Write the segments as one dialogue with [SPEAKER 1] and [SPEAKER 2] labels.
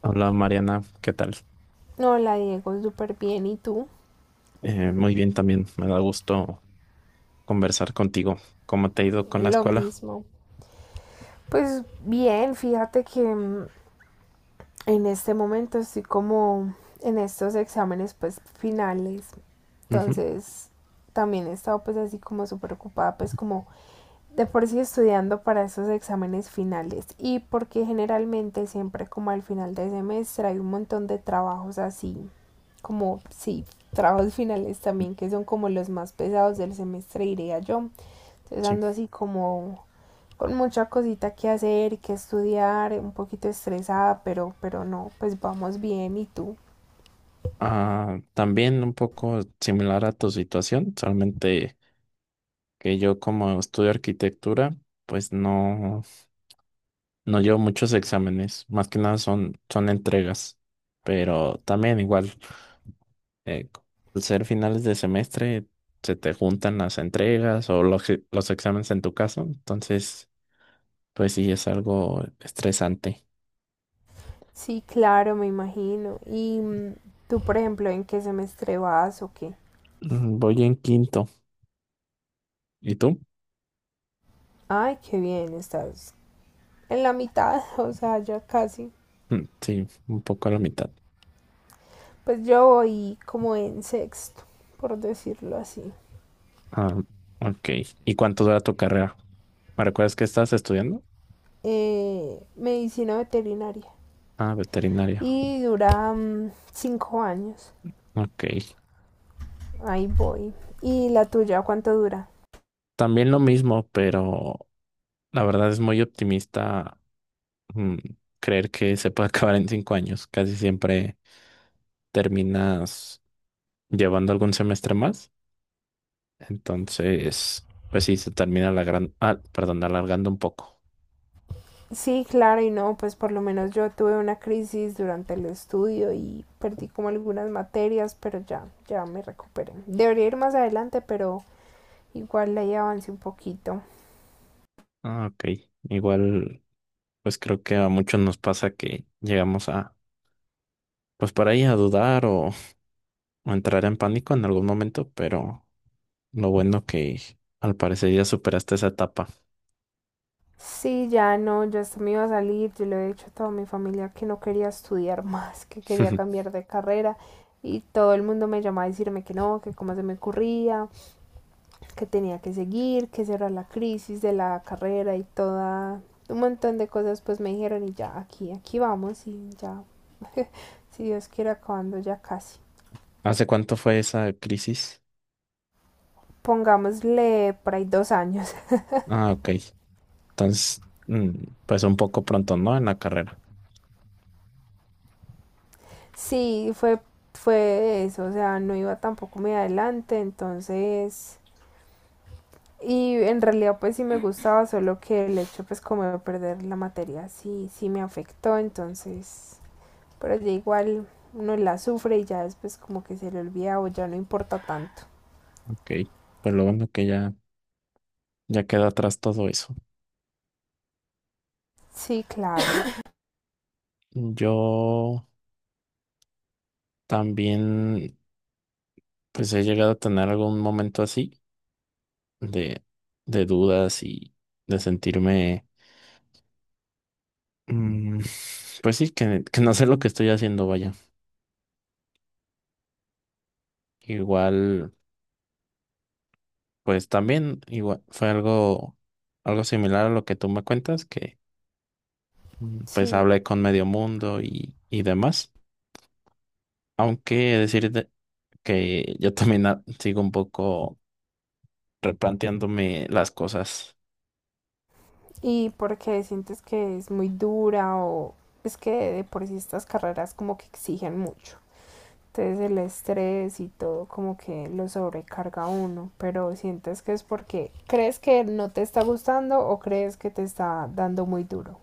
[SPEAKER 1] Hola Mariana, ¿qué tal?
[SPEAKER 2] Hola Diego, súper bien. ¿Y tú?
[SPEAKER 1] Muy bien también, me da gusto conversar contigo. ¿Cómo te ha ido con la
[SPEAKER 2] Lo
[SPEAKER 1] escuela?
[SPEAKER 2] mismo. Pues bien, fíjate que en este momento estoy como en estos exámenes pues finales.
[SPEAKER 1] Ujú,
[SPEAKER 2] Entonces también he estado pues así como súper ocupada pues como de por sí estudiando para esos exámenes finales, y porque generalmente siempre como al final del semestre hay un montón de trabajos así, como sí, trabajos finales también, que son como los más pesados del semestre, diría yo. Entonces
[SPEAKER 1] sí.
[SPEAKER 2] ando así como con mucha cosita que hacer y que estudiar, un poquito estresada, pero no, pues vamos bien. ¿Y tú?
[SPEAKER 1] Ah, también un poco similar a tu situación, solamente que yo como estudio arquitectura, pues no, no llevo muchos exámenes, más que nada son entregas, pero también igual, eh, al ser finales de semestre, se te juntan las entregas o los exámenes en tu caso, entonces... Pues sí, es algo estresante.
[SPEAKER 2] Sí, claro, me imagino. ¿Y tú, por ejemplo, en qué semestre vas o qué?
[SPEAKER 1] Voy en quinto. ¿Y tú?
[SPEAKER 2] Ay, qué bien, estás en la mitad, o sea, ya casi.
[SPEAKER 1] Sí, un poco a la mitad.
[SPEAKER 2] Pues yo voy como en sexto, por decirlo así.
[SPEAKER 1] Ah, ok. ¿Y cuánto dura tu carrera? ¿Me recuerdas que estás estudiando?
[SPEAKER 2] Medicina veterinaria.
[SPEAKER 1] Ah, veterinaria.
[SPEAKER 2] Y dura 5 años.
[SPEAKER 1] Ok.
[SPEAKER 2] Ahí voy. ¿Y la tuya cuánto dura?
[SPEAKER 1] También lo mismo, pero la verdad es muy optimista mm, creer que se puede acabar en 5 años. Casi siempre terminas llevando algún semestre más. Entonces, pues sí, se termina la gran... ah, perdón, alargando un poco.
[SPEAKER 2] Sí, claro, y no, pues por lo menos yo tuve una crisis durante el estudio y perdí como algunas materias, pero ya, ya me recuperé. Debería ir más adelante, pero igual ahí avancé un poquito.
[SPEAKER 1] Ah, ok. Igual, pues creo que a muchos nos pasa que llegamos a, pues por ahí a dudar o entrar en pánico en algún momento, pero lo bueno que al parecer ya superaste esa etapa.
[SPEAKER 2] Sí, ya no, ya hasta me iba a salir. Yo le he dicho a toda mi familia que no quería estudiar más, que quería cambiar de carrera, y todo el mundo me llamaba a decirme que no, que cómo se me ocurría, que tenía que seguir, que esa era la crisis de la carrera, y toda un montón de cosas pues me dijeron, y ya aquí, aquí vamos, y ya, si Dios quiere, acabando ya casi.
[SPEAKER 1] ¿Hace cuánto fue esa crisis?
[SPEAKER 2] Pongámosle por ahí 2 años.
[SPEAKER 1] Ah, ok. Entonces, pues un poco pronto, ¿no? En la carrera.
[SPEAKER 2] Sí, fue, fue eso. O sea, no iba tampoco muy adelante, entonces. Y en realidad pues sí me gustaba, solo que el hecho pues como de perder la materia sí, sí me afectó. Entonces, pero ya igual uno la sufre y ya después como que se le olvida o ya no importa tanto.
[SPEAKER 1] Ok. Pues lo bueno que ya, ya queda atrás todo eso.
[SPEAKER 2] Sí, claro,
[SPEAKER 1] Yo también, pues he llegado a tener algún momento así de, de dudas y de sentirme... mm, pues sí, que no sé lo que estoy haciendo, vaya. Igual, pues también, igual, fue algo, algo similar a lo que tú me cuentas, que pues
[SPEAKER 2] sí.
[SPEAKER 1] hablé con medio mundo y demás. Aunque decirte que yo también sigo un poco replanteándome las cosas.
[SPEAKER 2] Y porque sientes que es muy dura, o es que de por sí estas carreras como que exigen mucho. Entonces el estrés y todo como que lo sobrecarga a uno, pero sientes que es porque crees que no te está gustando, o crees que te está dando muy duro.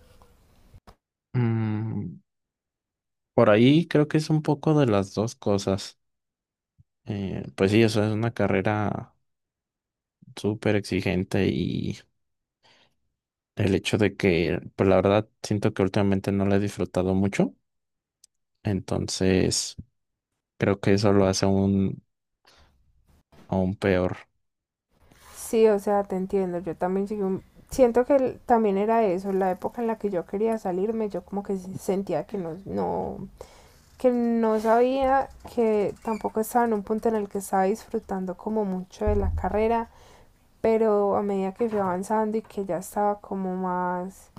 [SPEAKER 1] Mm, por ahí creo que es un poco de las dos cosas. Pues sí, eso es una carrera súper exigente y el hecho de que, pues la verdad, siento que últimamente no la he disfrutado mucho. Entonces, creo que eso lo hace aún, aún peor.
[SPEAKER 2] Sí, o sea, te entiendo. Yo también siento que también era eso, la época en la que yo quería salirme. Yo como que sentía que no, que no sabía, que tampoco estaba en un punto en el que estaba disfrutando como mucho de la carrera. Pero a medida que fui avanzando, y que ya estaba como más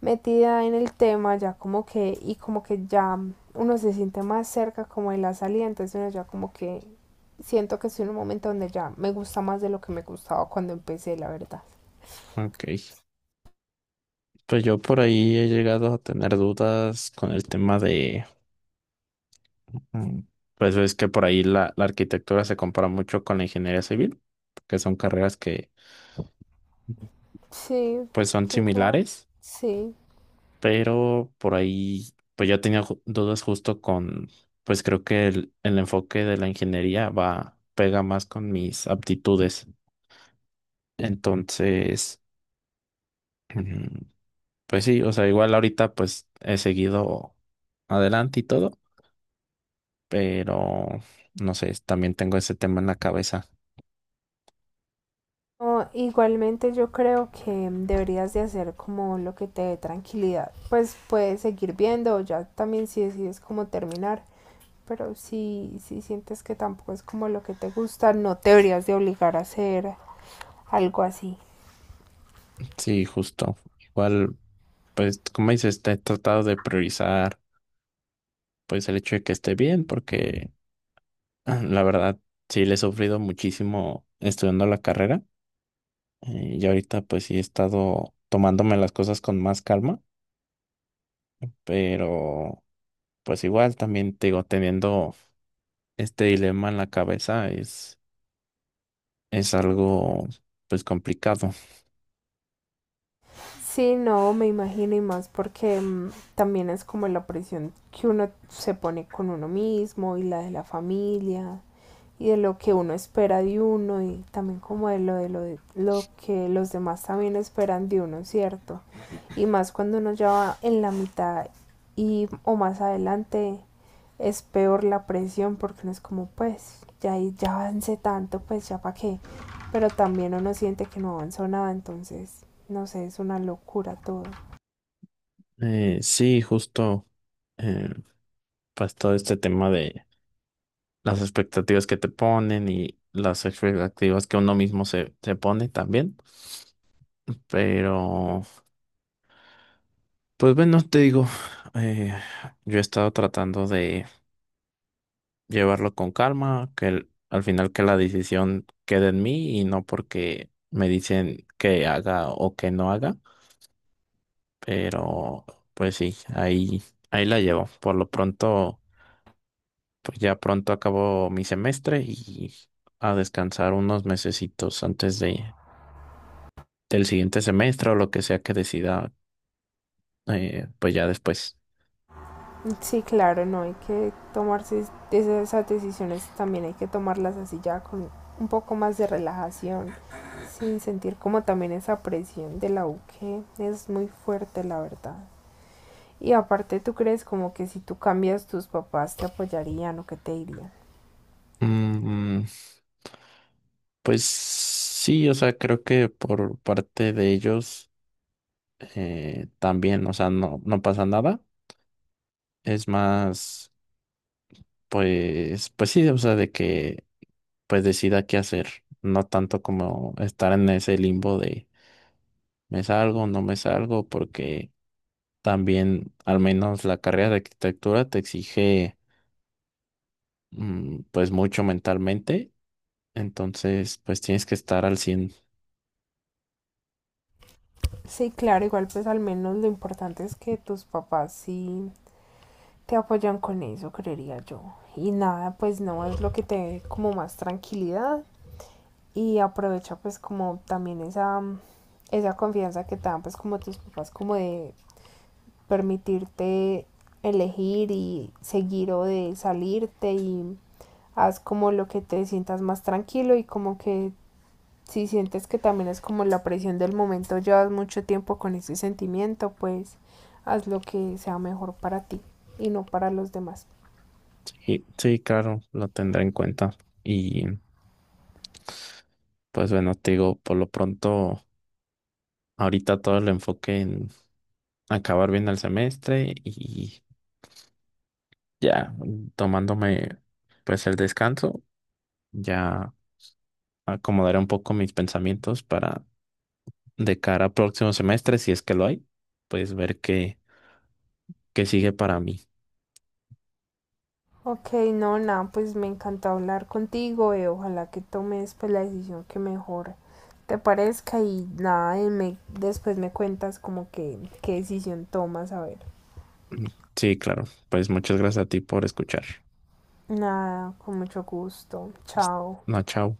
[SPEAKER 2] metida en el tema, ya como que, y como que ya uno se siente más cerca como de la salida, entonces uno ya como que, siento que estoy en un momento donde ya me gusta más de lo que me gustaba cuando empecé, la verdad.
[SPEAKER 1] Ok. Pues yo por ahí he llegado a tener dudas con el tema de, mm, pues ves que por ahí la arquitectura se compara mucho con la ingeniería civil, que son carreras que Ujú,
[SPEAKER 2] Sí,
[SPEAKER 1] pues son
[SPEAKER 2] son como,
[SPEAKER 1] similares,
[SPEAKER 2] sí.
[SPEAKER 1] pero por ahí pues yo tenía dudas justo con, pues creo que el enfoque de la ingeniería va, pega más con mis aptitudes. Entonces... Pues sí, o sea, igual ahorita pues he seguido adelante y todo, pero no sé, también tengo ese tema en la cabeza.
[SPEAKER 2] No, igualmente yo creo que deberías de hacer como lo que te dé tranquilidad. Pues puedes seguir viendo, ya también, si decides como terminar, pero si sientes que tampoco es como lo que te gusta, no te deberías de obligar a hacer algo así.
[SPEAKER 1] Sí, justo. Igual, pues como dices, te he tratado de priorizar pues el hecho de que esté bien, porque ah, la verdad sí le he sufrido muchísimo estudiando la carrera, y ahorita pues sí he estado tomándome las cosas con más calma, pero pues igual también te digo, teniendo este dilema en la cabeza es algo pues complicado.
[SPEAKER 2] Sí, no, me imagino, y más porque también es como la presión que uno se pone con uno mismo, y la de la familia, y de lo que uno espera de uno, y también como de lo que los demás también esperan de uno, ¿cierto? Y más cuando uno ya va en la mitad y o más adelante, es peor la presión, porque uno es como, pues ya ya avancé tanto, pues ya para qué. Pero también uno siente que no avanzó nada. Entonces, no sé, es una locura todo.
[SPEAKER 1] Sí, justo, eh, pues todo este tema de las expectativas que te ponen y las expectativas que uno mismo se, se pone también. Pero pues bueno, te digo, eh, yo he estado tratando de llevarlo con calma, que el- al final que la decisión quede en mí y no porque me dicen que haga o que no haga. Pero pues sí, ahí, ahí la llevo. Por lo pronto. Pues ya pronto acabo mi semestre y a descansar unos mesecitos antes de, del siguiente semestre o lo que sea que decida, pues ya después.
[SPEAKER 2] Sí, claro, no hay que tomarse esas decisiones, también hay que tomarlas así ya con un poco más de relajación, sin sentir como también esa presión de la U, que es muy fuerte, la verdad. Y aparte, ¿tú crees como que si tú cambias, tus papás te apoyarían, o que te dirían?
[SPEAKER 1] Mm, pues sí, o sea, creo que por parte de ellos también, o sea, no, no pasa nada. Es más, pues, pues sí, o sea, de que pues decida qué hacer, no tanto como estar en ese limbo de me salgo, no me salgo, porque también, al menos la carrera de arquitectura te exige pues mucho mentalmente, entonces pues tienes que estar al cien.
[SPEAKER 2] Sí, claro, igual pues al menos lo importante es que tus papás sí te apoyan con eso, creería yo. Y nada, pues no, es lo que te dé como más tranquilidad, y aprovecha pues como también esa confianza que te dan pues como tus papás, como de permitirte elegir y seguir, o de salirte. Y haz como lo que te sientas más tranquilo. Y como que si sientes que también es como la presión del momento, llevas mucho tiempo con ese sentimiento, pues haz lo que sea mejor para ti y no para los demás.
[SPEAKER 1] Sí, sí, claro, lo tendré en cuenta. Y pues bueno, te digo, por lo pronto, ahorita todo el enfoque en acabar bien el semestre y ya tomándome pues el descanso, ya acomodaré un poco mis pensamientos para de cara al próximo semestre, si es que lo hay, pues ver qué, qué sigue para mí.
[SPEAKER 2] Ok, no, nada, pues me encantó hablar contigo, y ojalá que tomes pues la decisión que mejor te parezca. Y nada, y me, después me cuentas como que qué decisión tomas, a ver.
[SPEAKER 1] Sí, claro. Pues muchas gracias a ti por escuchar.
[SPEAKER 2] Nada, con mucho gusto.
[SPEAKER 1] Hasta-
[SPEAKER 2] Chao.
[SPEAKER 1] No, chao.